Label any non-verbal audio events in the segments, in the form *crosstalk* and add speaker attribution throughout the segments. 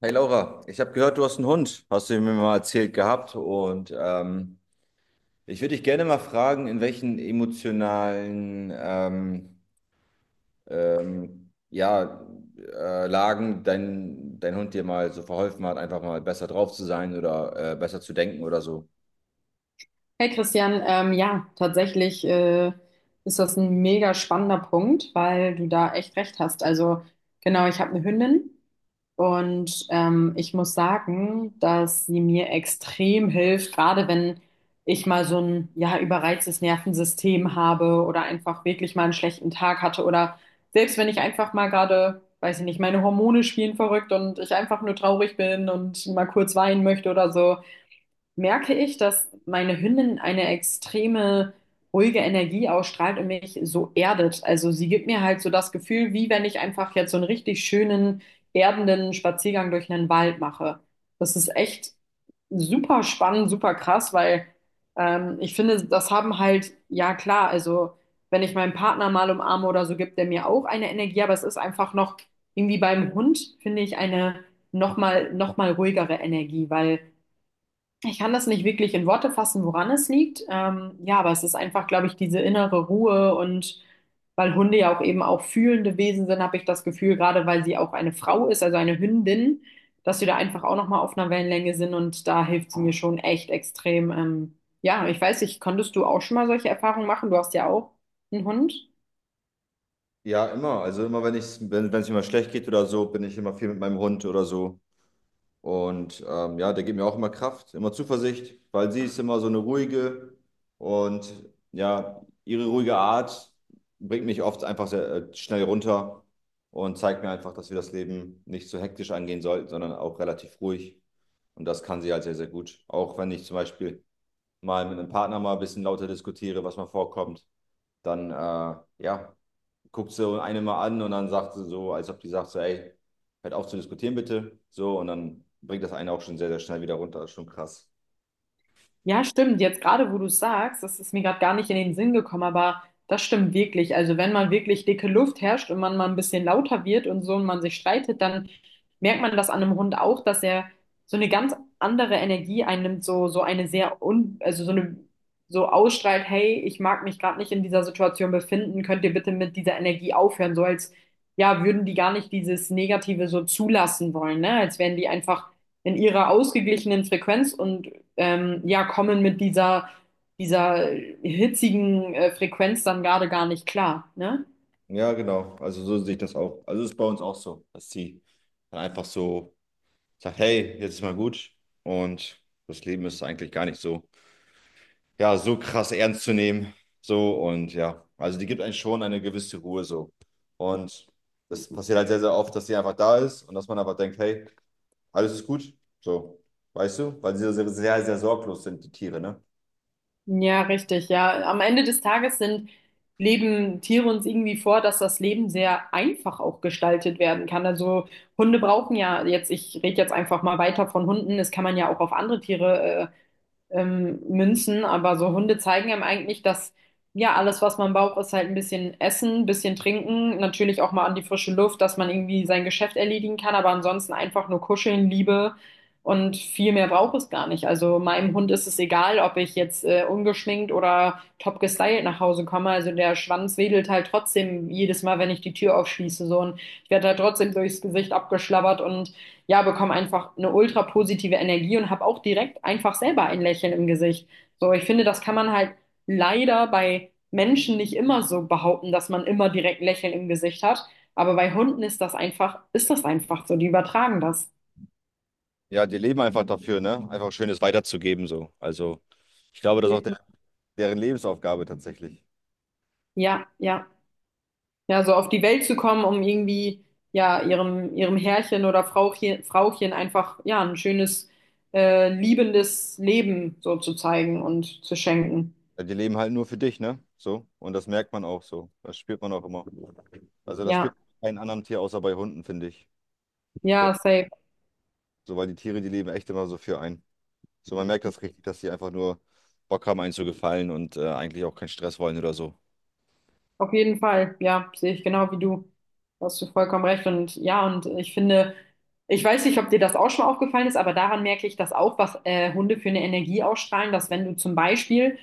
Speaker 1: Hey Laura, ich habe gehört, du hast einen Hund, hast du mir mal erzählt gehabt. Ich würde dich gerne mal fragen, in welchen emotionalen ähm, ja, Lagen dein Hund dir mal so verholfen hat, einfach mal besser drauf zu sein oder besser zu denken oder so.
Speaker 2: Hey Christian, ja, tatsächlich ist das ein mega spannender Punkt, weil du da echt recht hast. Also genau, ich habe eine Hündin und ich muss sagen, dass sie mir extrem hilft, gerade wenn ich mal so ein ja überreiztes Nervensystem habe oder einfach wirklich mal einen schlechten Tag hatte oder selbst wenn ich einfach mal gerade, weiß ich nicht, meine Hormone spielen verrückt und ich einfach nur traurig bin und mal kurz weinen möchte oder so merke ich, dass meine Hündin eine extreme ruhige Energie ausstrahlt und mich so erdet. Also sie gibt mir halt so das Gefühl, wie wenn ich einfach jetzt so einen richtig schönen, erdenden Spaziergang durch einen Wald mache. Das ist echt super spannend, super krass, weil ich finde, das haben halt, ja klar, also wenn ich meinen Partner mal umarme oder so, gibt der mir auch eine Energie, aber es ist einfach noch irgendwie beim Hund, finde ich, eine nochmal ruhigere Energie, weil ich kann das nicht wirklich in Worte fassen, woran es liegt. Ja, aber es ist einfach, glaube ich, diese innere Ruhe und weil Hunde ja auch eben auch fühlende Wesen sind, habe ich das Gefühl, gerade weil sie auch eine Frau ist, also eine Hündin, dass wir da einfach auch nochmal auf einer Wellenlänge sind und da hilft sie mir schon echt extrem. Ja, ich weiß nicht, konntest du auch schon mal solche Erfahrungen machen? Du hast ja auch einen Hund.
Speaker 1: Ja, immer. Also immer, wenn ich, wenn, wenn es mir mal schlecht geht oder so, bin ich immer viel mit meinem Hund oder so. Und ja, der gibt mir auch immer Kraft, immer Zuversicht, weil sie ist immer so eine ruhige und ja, ihre ruhige Art bringt mich oft einfach sehr schnell runter und zeigt mir einfach, dass wir das Leben nicht so hektisch angehen sollten, sondern auch relativ ruhig. Und das kann sie halt sehr, sehr gut. Auch wenn ich zum Beispiel mal mit einem Partner mal ein bisschen lauter diskutiere, was mal vorkommt, dann ja, guckt so eine mal an und dann sagt sie so, als ob die sagt so, ey, hört auf zu diskutieren bitte. So, und dann bringt das eine auch schon sehr, sehr schnell wieder runter. Das ist schon krass.
Speaker 2: Ja, stimmt. Jetzt gerade, wo du es sagst, das ist mir gerade gar nicht in den Sinn gekommen, aber das stimmt wirklich. Also wenn man wirklich dicke Luft herrscht und man mal ein bisschen lauter wird und so und man sich streitet, dann merkt man das an einem Hund auch, dass er so eine ganz andere Energie einnimmt, so, so eine sehr also so eine, so ausstrahlt, hey, ich mag mich gerade nicht in dieser Situation befinden, könnt ihr bitte mit dieser Energie aufhören, so als, ja, würden die gar nicht dieses Negative so zulassen wollen, ne? Als wären die einfach in ihrer ausgeglichenen Frequenz und ja, kommen mit dieser hitzigen Frequenz dann gerade gar nicht klar, ne?
Speaker 1: Ja, genau. Also so sehe ich das auch. Also ist bei uns auch so, dass sie dann einfach so sagt, hey, jetzt ist mal gut. Und das Leben ist eigentlich gar nicht so, ja, so krass ernst zu nehmen. So und ja, also die gibt einem schon eine gewisse Ruhe so. Und das passiert halt sehr, sehr oft, dass sie einfach da ist und dass man aber denkt, hey, alles ist gut. So, weißt du? Weil sie sehr, sehr, sehr sorglos sind, die Tiere, ne?
Speaker 2: Ja, richtig, ja. Am Ende des Tages sind, leben Tiere uns irgendwie vor, dass das Leben sehr einfach auch gestaltet werden kann. Also Hunde brauchen ja jetzt, ich rede jetzt einfach mal weiter von Hunden, das kann man ja auch auf andere Tiere Münzen, aber so Hunde zeigen einem eigentlich, dass ja alles, was man braucht, ist halt ein bisschen Essen, ein bisschen Trinken, natürlich auch mal an die frische Luft, dass man irgendwie sein Geschäft erledigen kann, aber ansonsten einfach nur kuscheln, Liebe und viel mehr braucht es gar nicht. Also meinem Hund ist es egal, ob ich jetzt ungeschminkt oder top gestylt nach Hause komme. Also der Schwanz wedelt halt trotzdem jedes Mal, wenn ich die Tür aufschließe, so und ich werde halt trotzdem durchs Gesicht abgeschlabbert und ja, bekomme einfach eine ultra positive Energie und habe auch direkt einfach selber ein Lächeln im Gesicht. So, ich finde, das kann man halt leider bei Menschen nicht immer so behaupten, dass man immer direkt ein Lächeln im Gesicht hat. Aber bei Hunden ist das einfach so. Die übertragen das.
Speaker 1: Ja, die leben einfach dafür, ne? Einfach Schönes weiterzugeben, so. Also, ich glaube, das ist auch der, deren Lebensaufgabe tatsächlich.
Speaker 2: Ja, ja. Ja, so auf die Welt zu kommen, um irgendwie, ja, ihrem Herrchen oder Frauchen, Frauchen einfach, ja, ein schönes, liebendes Leben so zu zeigen und zu schenken.
Speaker 1: Ja, die leben halt nur für dich, ne? So. Und das merkt man auch so. Das spürt man auch immer. Also, das spürt
Speaker 2: Ja,
Speaker 1: man bei keinem anderen Tier außer bei Hunden, finde ich. So,
Speaker 2: ja, safe.
Speaker 1: so, weil die Tiere, die leben echt immer so für einen. So, man merkt das richtig, dass die einfach nur Bock haben, einen zu gefallen und eigentlich auch keinen Stress wollen oder so.
Speaker 2: Auf jeden Fall, ja, sehe ich genau wie du. Da hast du vollkommen recht. Und ja, und ich finde, ich weiß nicht, ob dir das auch schon aufgefallen ist, aber daran merke ich das auch, was Hunde für eine Energie ausstrahlen, dass wenn du zum Beispiel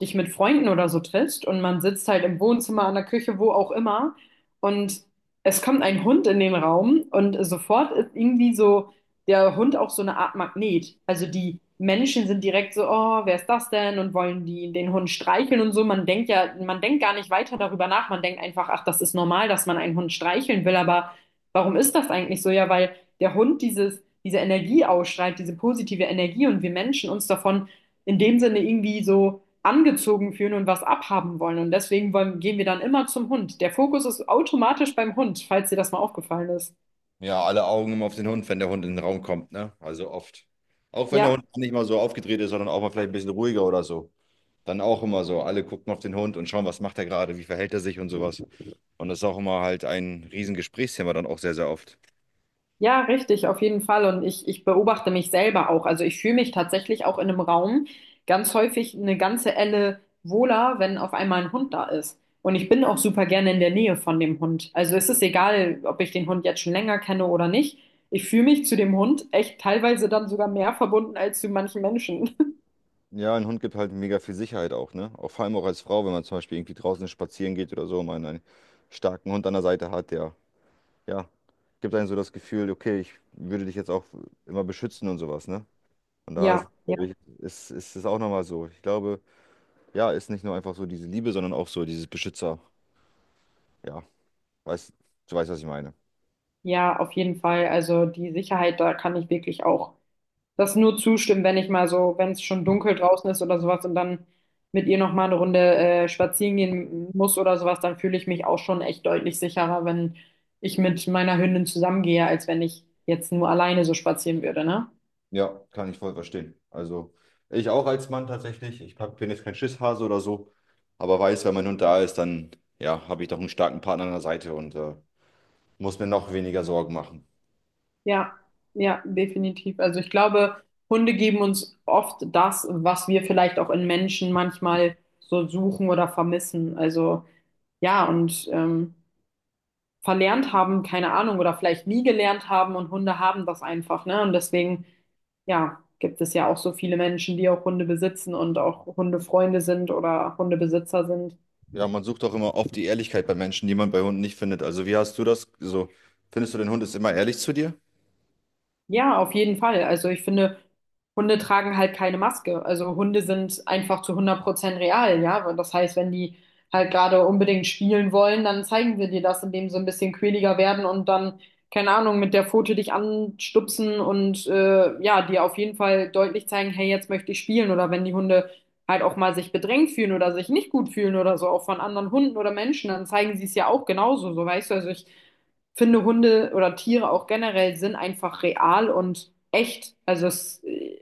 Speaker 2: dich mit Freunden oder so triffst und man sitzt halt im Wohnzimmer, an der Küche, wo auch immer, und es kommt ein Hund in den Raum und sofort ist irgendwie so der Hund auch so eine Art Magnet. Also die Menschen sind direkt so, oh, wer ist das denn? Und wollen die den Hund streicheln und so. Man denkt ja, man denkt gar nicht weiter darüber nach. Man denkt einfach, ach, das ist normal, dass man einen Hund streicheln will. Aber warum ist das eigentlich so? Ja, weil der Hund dieses, diese Energie ausstrahlt, diese positive Energie und wir Menschen uns davon in dem Sinne irgendwie so angezogen fühlen und was abhaben wollen. Und deswegen gehen wir dann immer zum Hund. Der Fokus ist automatisch beim Hund, falls dir das mal aufgefallen ist.
Speaker 1: Ja, alle Augen immer auf den Hund, wenn der Hund in den Raum kommt, ne? Also oft. Auch wenn der
Speaker 2: Ja.
Speaker 1: Hund nicht mal so aufgedreht ist, sondern auch mal vielleicht ein bisschen ruhiger oder so. Dann auch immer so. Alle gucken auf den Hund und schauen, was macht er gerade, wie verhält er sich und sowas. Und das ist auch immer halt ein riesen Gesprächsthema dann auch sehr, sehr oft.
Speaker 2: Ja, richtig, auf jeden Fall. Und ich beobachte mich selber auch. Also ich fühle mich tatsächlich auch in einem Raum ganz häufig eine ganze Elle wohler, wenn auf einmal ein Hund da ist. Und ich bin auch super gerne in der Nähe von dem Hund. Also es ist egal, ob ich den Hund jetzt schon länger kenne oder nicht. Ich fühle mich zu dem Hund echt teilweise dann sogar mehr verbunden als zu manchen Menschen. *laughs*
Speaker 1: Ja, ein Hund gibt halt mega viel Sicherheit auch, ne? Auch vor allem auch als Frau, wenn man zum Beispiel irgendwie draußen spazieren geht oder so, und man einen starken Hund an der Seite hat, der, ja, gibt einem so das Gefühl, okay, ich würde dich jetzt auch immer beschützen und sowas, ne? Und da ist,
Speaker 2: Ja, ja,
Speaker 1: glaube ich, ist es auch nochmal so. Ich glaube, ja, ist nicht nur einfach so diese Liebe, sondern auch so dieses Beschützer. Ja, weißt, du weißt, was ich meine.
Speaker 2: ja, auf jeden Fall. Also die Sicherheit, da kann ich wirklich auch das nur zustimmen, wenn ich mal so, wenn es schon dunkel draußen ist oder sowas und dann mit ihr noch mal eine Runde spazieren gehen muss oder sowas, dann fühle ich mich auch schon echt deutlich sicherer, wenn ich mit meiner Hündin zusammengehe, als wenn ich jetzt nur alleine so spazieren würde, ne?
Speaker 1: Ja, kann ich voll verstehen. Also, ich auch als Mann tatsächlich. Bin jetzt kein Schisshase oder so, aber weiß, wenn mein Hund da ist, dann ja, habe ich doch einen starken Partner an der Seite und muss mir noch weniger Sorgen machen.
Speaker 2: Ja, ja, definitiv. Also ich glaube, Hunde geben uns oft das, was wir vielleicht auch in Menschen manchmal so suchen oder vermissen. Also ja, und verlernt haben, keine Ahnung, oder vielleicht nie gelernt haben und Hunde haben das einfach, ne? Und deswegen, ja, gibt es ja auch so viele Menschen, die auch Hunde besitzen und auch Hundefreunde sind oder Hundebesitzer sind.
Speaker 1: Ja, man sucht auch immer oft die Ehrlichkeit bei Menschen, die man bei Hunden nicht findet. Also, wie hast du das? So, findest du, dein Hund ist immer ehrlich zu dir?
Speaker 2: Ja, auf jeden Fall. Also ich finde, Hunde tragen halt keine Maske. Also Hunde sind einfach zu 100% real, ja. Und das heißt, wenn die halt gerade unbedingt spielen wollen, dann zeigen wir dir das, indem sie ein bisschen quäliger werden und dann, keine Ahnung, mit der Pfote dich anstupsen und ja, dir auf jeden Fall deutlich zeigen, hey, jetzt möchte ich spielen. Oder wenn die Hunde halt auch mal sich bedrängt fühlen oder sich nicht gut fühlen oder so, auch von anderen Hunden oder Menschen, dann zeigen sie es ja auch genauso, so weißt du. Also ich finde, Hunde oder Tiere auch generell sind einfach real und echt. Also es,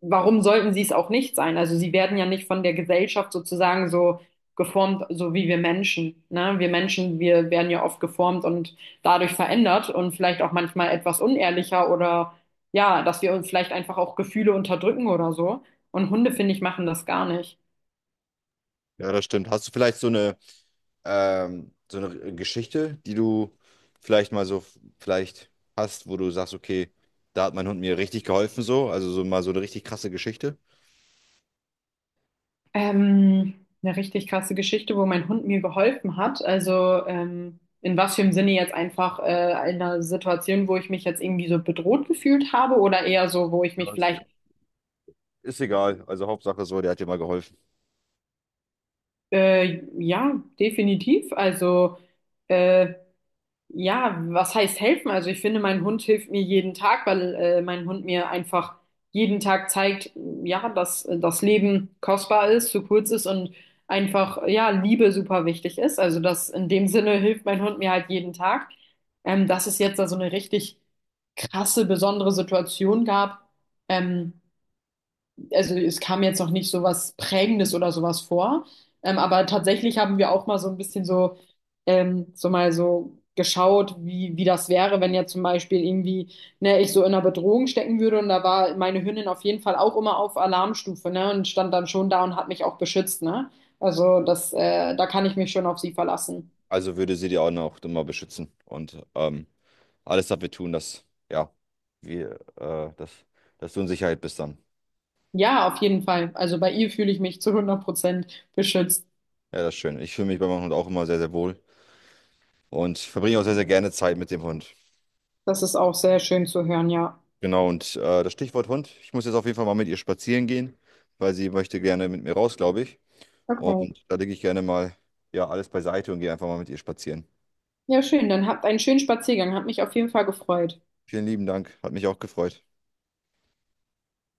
Speaker 2: warum sollten sie es auch nicht sein? Also sie werden ja nicht von der Gesellschaft sozusagen so geformt, so wie wir Menschen. Ne? Wir Menschen, wir werden ja oft geformt und dadurch verändert und vielleicht auch manchmal etwas unehrlicher oder ja, dass wir uns vielleicht einfach auch Gefühle unterdrücken oder so. Und Hunde, finde ich, machen das gar nicht.
Speaker 1: Ja, das stimmt. Hast du vielleicht so eine Geschichte, die du vielleicht mal so vielleicht hast, wo du sagst, okay, da hat mein Hund mir richtig geholfen, so, also so mal so eine richtig krasse Geschichte?
Speaker 2: Ähm, eine richtig krasse Geschichte, wo mein Hund mir geholfen hat. Also in was für einem Sinne jetzt einfach in einer Situation, wo ich mich jetzt irgendwie so bedroht gefühlt habe oder eher so, wo ich
Speaker 1: Ja,
Speaker 2: mich
Speaker 1: ist,
Speaker 2: vielleicht,
Speaker 1: ist egal, also Hauptsache so, der hat dir mal geholfen.
Speaker 2: ja, definitiv. Also äh, ja, was heißt helfen? Also ich finde, mein Hund hilft mir jeden Tag, weil mein Hund mir einfach jeden Tag zeigt, ja, dass das Leben kostbar ist, zu kurz ist und einfach, ja, Liebe super wichtig ist. Also das in dem Sinne hilft mein Hund mir halt jeden Tag. Dass es jetzt da so eine richtig krasse, besondere Situation gab, ähm, also es kam jetzt noch nicht so was Prägendes oder sowas vor. Aber tatsächlich haben wir auch mal so ein bisschen so, so mal so geschaut, wie, wie das wäre, wenn jetzt zum Beispiel irgendwie, ne, ich so in einer Bedrohung stecken würde und da war meine Hündin auf jeden Fall auch immer auf Alarmstufe, ne, und stand dann schon da und hat mich auch beschützt, ne? Also das, da kann ich mich schon auf sie verlassen.
Speaker 1: Also würde sie dir auch noch immer beschützen und alles dafür tun, ja, wir, äh, dass, dass du in Sicherheit bist dann.
Speaker 2: Ja, auf jeden Fall. Also bei ihr fühle ich mich zu 100% beschützt.
Speaker 1: Ja, das ist schön. Ich fühle mich bei meinem Hund auch immer sehr, sehr wohl und verbringe auch sehr, sehr gerne Zeit mit dem Hund.
Speaker 2: Das ist auch sehr schön zu hören, ja.
Speaker 1: Genau, und das Stichwort Hund. Ich muss jetzt auf jeden Fall mal mit ihr spazieren gehen, weil sie möchte gerne mit mir raus, glaube ich.
Speaker 2: Okay.
Speaker 1: Und da lege ich gerne mal ja, alles beiseite und gehe einfach mal mit ihr spazieren.
Speaker 2: Ja, schön. Dann habt einen schönen Spaziergang. Hat mich auf jeden Fall gefreut.
Speaker 1: Vielen lieben Dank, hat mich auch gefreut.